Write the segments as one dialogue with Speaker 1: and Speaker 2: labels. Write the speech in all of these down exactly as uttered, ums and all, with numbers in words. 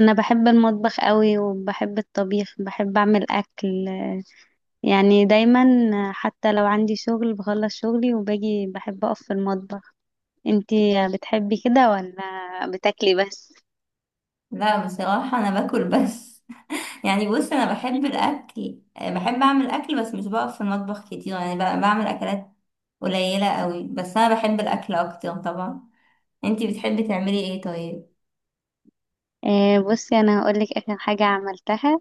Speaker 1: انا بحب المطبخ قوي، وبحب الطبيخ، بحب اعمل اكل يعني دايما. حتى لو عندي شغل بخلص شغلي وباجي بحب اقف في المطبخ. انتي بتحبي كده ولا بتاكلي بس؟
Speaker 2: لا بصراحة أنا باكل بس. يعني بص، أنا بحب الأكل، بحب أعمل أكل، بس مش بقف في المطبخ كتير. يعني ب- بعمل أكلات قليلة قوي، بس أنا بحب الأكل أكتر طبعا. أنتي بتحبي تعملي إيه طيب؟
Speaker 1: آه بصي، انا هقولك اخر حاجة عملتها.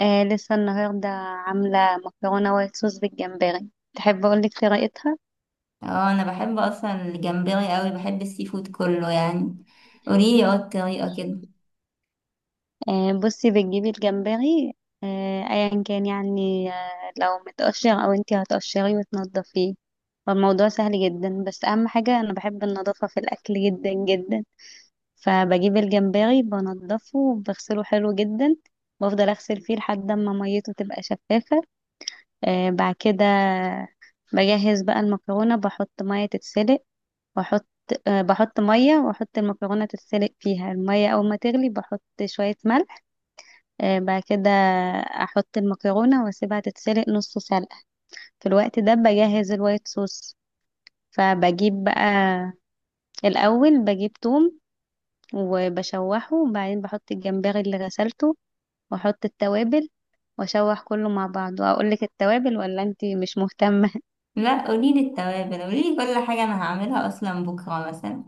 Speaker 1: آه، لسه النهاردة عاملة مكرونة وايت صوص بالجمبري. تحب اقولك طريقتها؟
Speaker 2: اه أنا بحب أصلا الجمبري قوي، بحب السي فود كله يعني. قوليلي اه الطريقة كده.
Speaker 1: آه، بصي بتجيبي الجمبري. آه، ايا كان يعني، آه، لو متقشر او انتي هتقشريه وتنضفيه. فالموضوع سهل جدا، بس اهم حاجة انا بحب النظافة في الاكل جدا جدا. فبجيب الجمبري بنضفه وبغسله حلو جدا. بفضل اغسل فيه لحد ما ميته تبقى شفافة. آه، بعد كده بجهز بقى المكرونة، بحط مية تتسلق. واحط آه، بحط مية واحط المكرونة تتسلق فيها. المية اول ما تغلي بحط شوية ملح. آه، بعد كده احط المكرونه واسيبها تتسلق نص سلقه. في الوقت ده بجهز الوايت صوص. فبجيب بقى الاول بجيب توم وبشوحه، وبعدين بحط الجمبري اللي غسلته واحط التوابل واشوح كله مع بعض. واقول لك التوابل ولا انتي مش مهتمه؟
Speaker 2: لا قوليلي التوابل، قوليلي كل حاجة، أنا هعملها أصلا بكرة مثلا.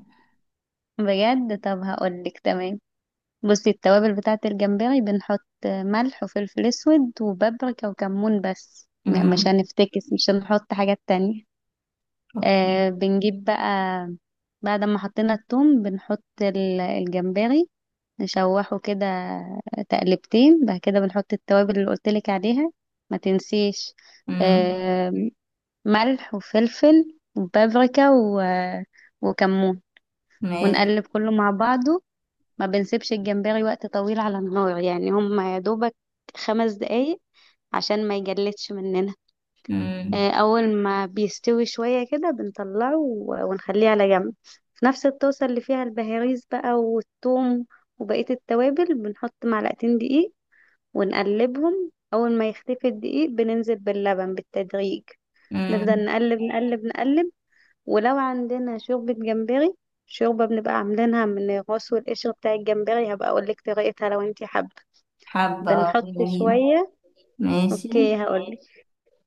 Speaker 1: بجد؟ طب هقول لك، تمام. بصي، التوابل بتاعه الجمبري بنحط ملح وفلفل اسود وبابريكا وكمون بس. م- مش
Speaker 2: امم،
Speaker 1: هنفتكس، مش هنحط حاجات تانية.
Speaker 2: اوكي.
Speaker 1: آه، بنجيب بقى، بعد ما حطينا الثوم بنحط ال- الجمبري. نشوحه كده تقلبتين، بعد كده بنحط التوابل اللي قلتلك عليها، ما تنسيش.
Speaker 2: امم.
Speaker 1: آه، ملح وفلفل وبابريكا و... وكمون.
Speaker 2: ماشي.
Speaker 1: ونقلب كله مع بعضه. ما بنسيبش الجمبري وقت طويل على النار، يعني هم يا دوبك خمس دقايق عشان ما يجلدش مننا.
Speaker 2: امم.
Speaker 1: آه، اول ما بيستوي شوية كده بنطلعه و- ونخليه على جنب. في نفس الطاسة اللي فيها البهاريز بقى والثوم وبقية التوابل بنحط معلقتين دقيق. ونقلبهم، اول ما يختفي الدقيق بننزل باللبن بالتدريج. نفضل
Speaker 2: امم.
Speaker 1: نقلب نقلب نقلب. ولو عندنا شوربة جمبري، شوربة بنبقى عاملينها من الراس والقشر بتاع الجمبري، هبقى اقولك طريقتها لو انتي حابة.
Speaker 2: حابة اه،
Speaker 1: بنحط
Speaker 2: قوليلي.
Speaker 1: شوية.
Speaker 2: ماشي.
Speaker 1: اوكي، هقولك.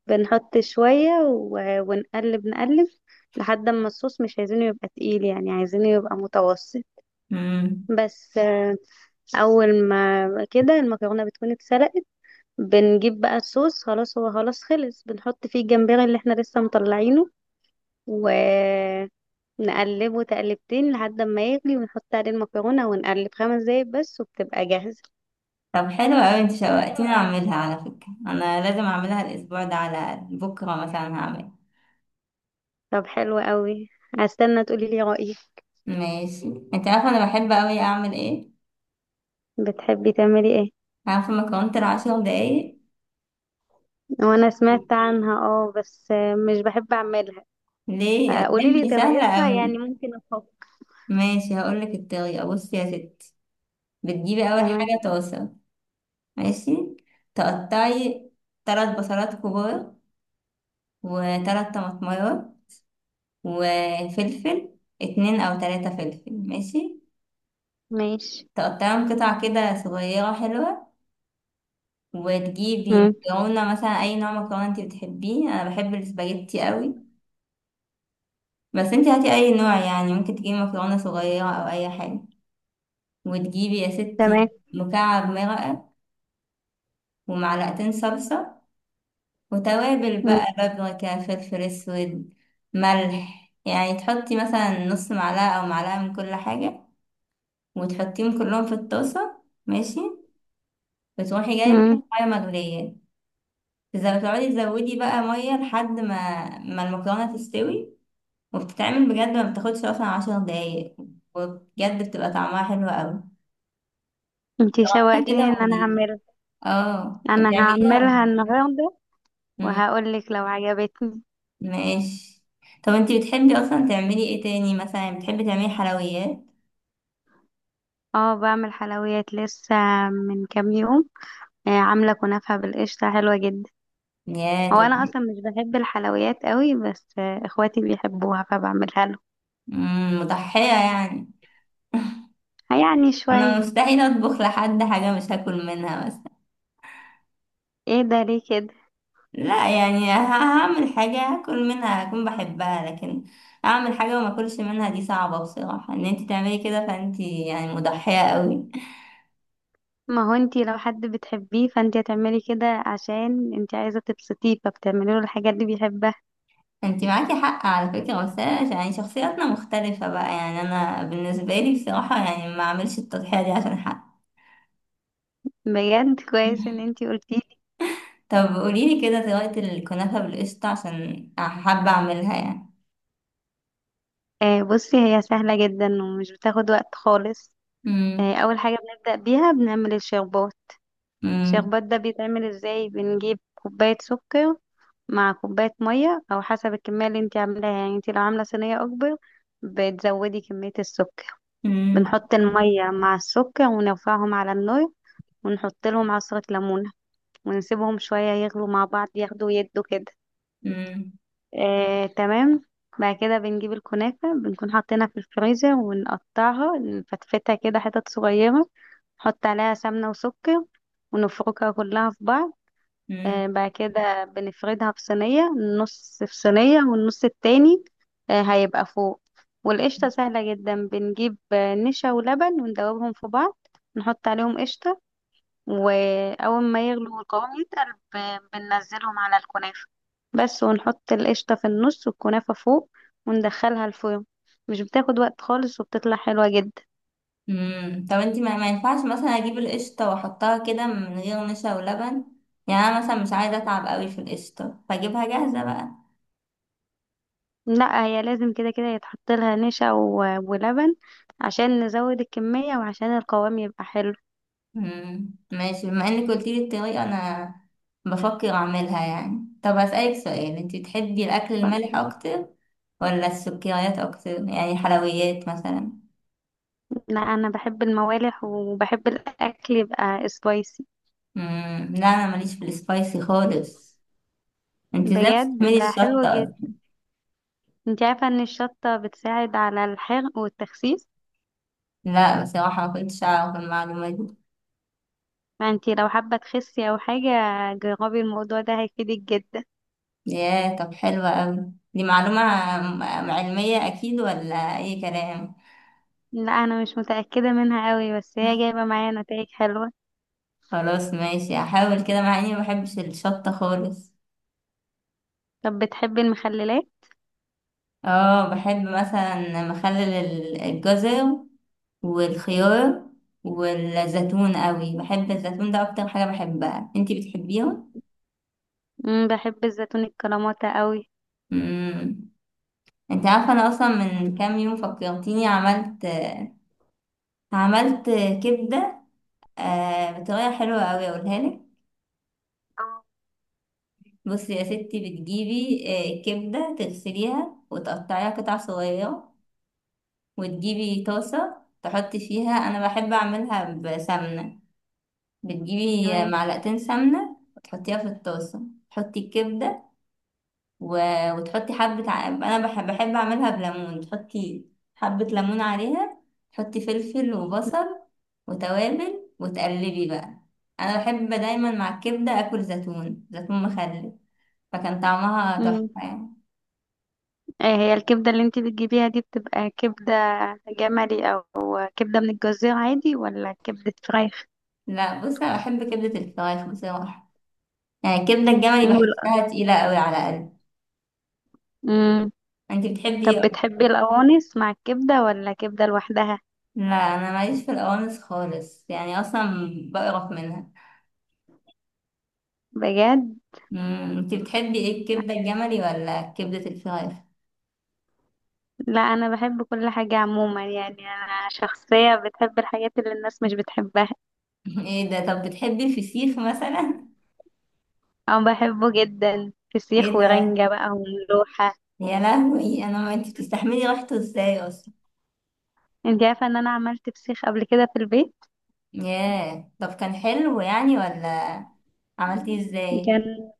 Speaker 1: بنحط شوية و- ونقلب نقلب لحد ما الصوص، مش عايزينه يبقى تقيل، يعني عايزينه يبقى متوسط.
Speaker 2: مم.
Speaker 1: بس آه، أول ما كده المكرونة بتكون اتسلقت. بنجيب بقى الصوص، خلاص هو خلاص خلص، بنحط فيه الجمبري اللي احنا لسه مطلعينه ونقلبه تقلبتين لحد ما يغلي، ونحط عليه المكرونة ونقلب خمس دقايق بس وبتبقى جاهزة.
Speaker 2: طب حلو قوي، انت شوقتيني اعملها على فكرة. انا لازم اعملها الاسبوع ده على الأقل، بكرة مثلا هعمل.
Speaker 1: طب حلو قوي، هستنى تقولي لي رأيك.
Speaker 2: ماشي. انت عارفة انا بحب قوي اعمل ايه؟
Speaker 1: بتحبي تعملي ايه؟
Speaker 2: عارفة مكرونة العشر دقايق.
Speaker 1: وانا سمعت عنها، اه، بس آه، مش بحب اعملها.
Speaker 2: ليه،
Speaker 1: قولي لي
Speaker 2: هتحبي، سهلة
Speaker 1: طريقتها
Speaker 2: قوي.
Speaker 1: يعني ممكن افكر.
Speaker 2: ماشي هقولك الطريقة. بصي يا ستي، بتجيبي اول
Speaker 1: تمام.
Speaker 2: حاجة طاسة. ماشي. تقطعي تلات بصلات كبار، وتلات طماطميات، وفلفل اتنين او تلاتة فلفل، ماشي.
Speaker 1: ماشي.
Speaker 2: تقطعهم قطع كده صغيرة حلوة. وتجيبي
Speaker 1: مم.
Speaker 2: مكرونة، مثلا أي نوع مكرونة انتي بتحبيه، أنا بحب السباجيتي قوي، بس انتي هاتي أي نوع. يعني ممكن تجيبي مكرونة صغيرة أو أي حاجة. وتجيبي يا
Speaker 1: تمام.
Speaker 2: ستي مكعب مرقة، ومعلقتين صلصة، وتوابل
Speaker 1: مم.
Speaker 2: بقى، بابريكا، فلفل أسود، ملح. يعني تحطي مثلا نص معلقة أو معلقة من كل حاجة. وتحطيهم كلهم في الطاسة، ماشي. وتروحي جايبة
Speaker 1: مم.
Speaker 2: مية مغلية. إذا بتقعدي تزودي بقى مية لحد ما ما المكرونة تستوي. وبتتعمل بجد، ما بتاخدش اصلا عشر دقايق. وبجد بتبقى طعمها حلو قوي.
Speaker 1: انتي
Speaker 2: جربيها
Speaker 1: شوقتيني
Speaker 2: كده
Speaker 1: ان انا
Speaker 2: وقوليلي.
Speaker 1: اعملها،
Speaker 2: اه
Speaker 1: انا
Speaker 2: بتعمليها
Speaker 1: هعملها
Speaker 2: بجد.
Speaker 1: النهارده
Speaker 2: مم.
Speaker 1: وهقول لك لو عجبتني.
Speaker 2: ماشي. طب انتي بتحبي اصلا تعملي ايه تاني مثلا؟ يعني بتحبي تعملي حلويات؟
Speaker 1: اه، بعمل حلويات. لسه من كام يوم آه، عامله كنافه بالقشطه حلوه جدا.
Speaker 2: يا
Speaker 1: هو
Speaker 2: طب.
Speaker 1: انا اصلا مش بحب الحلويات قوي، بس آه، اخواتي بيحبوها فبعملها لهم.
Speaker 2: مم، مضحية يعني.
Speaker 1: يعني
Speaker 2: انا
Speaker 1: شويه.
Speaker 2: مستحيل اطبخ لحد حاجة مش هاكل منها مثلا.
Speaker 1: ايه ده، ليه كده؟
Speaker 2: لا يعني ه- هعمل حاجة هاكل منها، هكون بحبها. لكن اعمل حاجة وما اكلش منها دي صعبة بصراحة. ان انتي تعملي كده، فانتي يعني مضحية قوي.
Speaker 1: ما هو انتي لو حد بتحبيه فانتي هتعملي كده، عشان انتي عايزة تبسطيه فبتعملي له الحاجات اللي بيحبها.
Speaker 2: انت معاكي حق على فكرة، بس أنا يعني شخصياتنا مختلفة بقى. يعني انا بالنسبة لي بصراحة يعني ما اعملش التضحية دي عشان حق.
Speaker 1: بجد كويس ان انتي قلتيه.
Speaker 2: طب قوليلي كده طريقة الكنافة بالقشطة، عشان حابة اعملها يعني.
Speaker 1: آه بصي، هي سهلة جدا ومش بتاخد وقت خالص.
Speaker 2: مم.
Speaker 1: آه، اول حاجة بنبدأ بيها بنعمل الشربات.
Speaker 2: مم.
Speaker 1: الشربات ده بيتعمل ازاي؟ بنجيب كوباية سكر مع كوباية مية، او حسب الكمية اللي انتي عاملاها. يعني انتي لو عاملة صينية اكبر بتزودي كمية السكر.
Speaker 2: مم.
Speaker 1: بنحط المية مع السكر ونرفعهم على النار، ونحط لهم عصرة ليمون ونسيبهم شوية يغلوا مع بعض، ياخدوا يدوا كده.
Speaker 2: مم.
Speaker 1: آه، تمام. بعد كده بنجيب الكنافة، بنكون حاطينها في الفريزر، ونقطعها نفتفتها كده حتت صغيرة. نحط عليها سمنة وسكر ونفركها كلها في بعض.
Speaker 2: مم.
Speaker 1: آه، بعد كده بنفردها في صينية. نص في صينية، والنص التاني آه، هيبقى فوق. والقشطة سهلة جدا، بنجيب آه، نشا ولبن وندوبهم في بعض. نحط عليهم قشطة، واول ما يغلو والقوام يتقل ب- بننزلهم على الكنافة بس، ونحط القشطة في النص والكنافة فوق، وندخلها الفرن. مش بتاخد وقت خالص وبتطلع حلوة جدا.
Speaker 2: مم. طب انت، ما, ما ينفعش مثلا اجيب القشطة واحطها كده من غير نشا ولبن؟ يعني انا مثلا مش عايزة اتعب قوي في القشطة، فاجيبها جاهزة بقى.
Speaker 1: لا، هي لازم كده كده يتحط لها نشا و- ولبن، عشان نزود الكمية وعشان القوام يبقى حلو.
Speaker 2: مم. ماشي، بما انك قلتيلي الطريقة، انا بفكر اعملها يعني. طب هسألك سؤال، انتي بتحبي الاكل المالح
Speaker 1: ف-
Speaker 2: اكتر ولا السكريات اكتر، يعني حلويات مثلا؟
Speaker 1: لا، انا بحب الموالح وبحب الاكل يبقى سبايسي.
Speaker 2: مم. لا انا ماليش في السبايسي خالص. انتي ازاي
Speaker 1: بجد
Speaker 2: بتستعملي
Speaker 1: ده
Speaker 2: الشطة
Speaker 1: حلو جدا،
Speaker 2: أصلاً؟
Speaker 1: انت عارفة ان الشطة بتساعد على الحرق والتخسيس؟
Speaker 2: لا بصراحة ما كنتش اعرف المعلومة دي.
Speaker 1: ما انتي لو حابة تخسي او حاجة جربي الموضوع ده، هيفيدك جدا.
Speaker 2: ياه، طب حلوة اوي دي معلومة. م- علمية اكيد ولا اي كلام؟
Speaker 1: لا، انا مش متأكدة منها قوي، بس هي جايبة معايا نتائج حلوة.
Speaker 2: خلاص ماشي، هحاول كده مع اني ما بحبش الشطة خالص.
Speaker 1: طب بتحبي المخللات؟
Speaker 2: اه بحب مثلا مخلل ال- الجزر، والخيار، والزيتون قوي. بحب الزيتون ده اكتر حاجة بحبها، انتي بتحبيها؟
Speaker 1: امم بحب الزيتون الكلاماتا قوي.
Speaker 2: امم. انت عارفة انا اصلا من كام يوم فكرتيني، عملت عملت كبدة. آه، بطريقة حلوة قوي اقولها لك.
Speaker 1: اه.
Speaker 2: بصي يا ستي بتجيبي آه، كبدة، تغسليها وتقطعيها قطع صغيرة. وتجيبي طاسة تحطي فيها، انا بحب اعملها بسمنة. بتجيبي
Speaker 1: تمام.
Speaker 2: معلقتين سمنة وتحطيها في الطاسة. تحطي الكبدة و... وتحطي حبة ع... أنا بحب, بحب أعملها بليمون. تحطي حبة ليمون عليها. تحطي فلفل وبصل وتوابل، وتقلبي بقى. أنا بحب دايما مع الكبدة أكل زيتون، زيتون مخلل. فكان طعمها
Speaker 1: امم.
Speaker 2: تحفة يعني.
Speaker 1: ايه هي الكبدة اللي انتي بتجيبيها دي؟ بتبقى كبدة جملي، او كبدة من الجزيرة عادي، ولا كبدة فراخ؟
Speaker 2: لا بصي، أنا بحب كبدة الفراخ بصراحة. يعني الكبدة الجملي بحسها تقيلة قوي على قلبي.
Speaker 1: امم.
Speaker 2: أنت بتحبي
Speaker 1: طب
Speaker 2: إيه؟
Speaker 1: بتحبي القوانص مع الكبدة ولا كبدة لوحدها؟
Speaker 2: لا، انا ماليش في القوانص خالص. يعني اصلا بقرف منها.
Speaker 1: بجد؟
Speaker 2: امم، انت بتحبي ايه، الكبده الجملي ولا كبده الفراخ؟
Speaker 1: لا، انا بحب كل حاجة عموما، يعني انا شخصية بتحب الحاجات اللي الناس مش بتحبها.
Speaker 2: ايه ده؟ طب بتحبي الفسيخ مثلا؟
Speaker 1: او بحبه جدا،
Speaker 2: ايه
Speaker 1: فسيخ
Speaker 2: ده؟
Speaker 1: ورنجة بقى وملوحة.
Speaker 2: يا لهوي انا، ما انت بتستحملي ريحته ازاي اصلا؟
Speaker 1: انت عارفة ان انا عملت فسيخ قبل كده في البيت؟
Speaker 2: ياه، طب كان حلو يعني ولا؟ عملتيه ازاي؟
Speaker 1: كان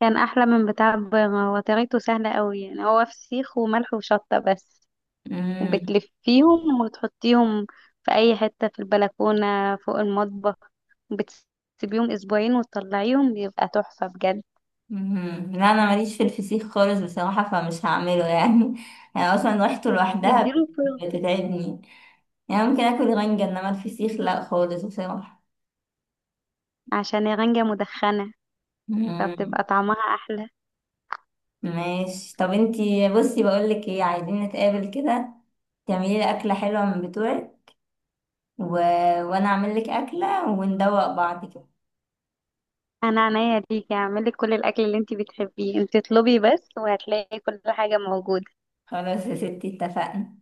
Speaker 1: كان احلى من بتاع البره. هو طريقته سهلة قوي، يعني هو فسيخ وملح وشطة بس.
Speaker 2: امم.
Speaker 1: وبتلفيهم وتحطيهم في اي حتة في البلكونة فوق المطبخ، وبتسيبيهم اسبوعين وتطلعيهم بيبقى تحفة بجد.
Speaker 2: أمم. لا انا ماليش في الفسيخ خالص بصراحه، فمش هعمله يعني. يعني اصلا ريحته لوحدها
Speaker 1: اديله فرن.
Speaker 2: بتتعبني. يعني ممكن اكل رنجة، انما الفسيخ لا خالص بصراحه.
Speaker 1: عشان الرنجة مدخنة فبتبقى
Speaker 2: مم.
Speaker 1: طعمها احلى.
Speaker 2: ماشي، طب انتي بصي بقولك ايه، عايزين نتقابل كده. تعملي لي اكله حلوه من بتوعك، و... وانا اعمل لك اكله، وندوق بعض كده.
Speaker 1: انا عينيا ليكي، هعملك كل الاكل اللي انتي بتحبيه، انتي اطلبي بس وهتلاقي كل حاجة موجودة.
Speaker 2: خلاص يا ستي، اتفقنا.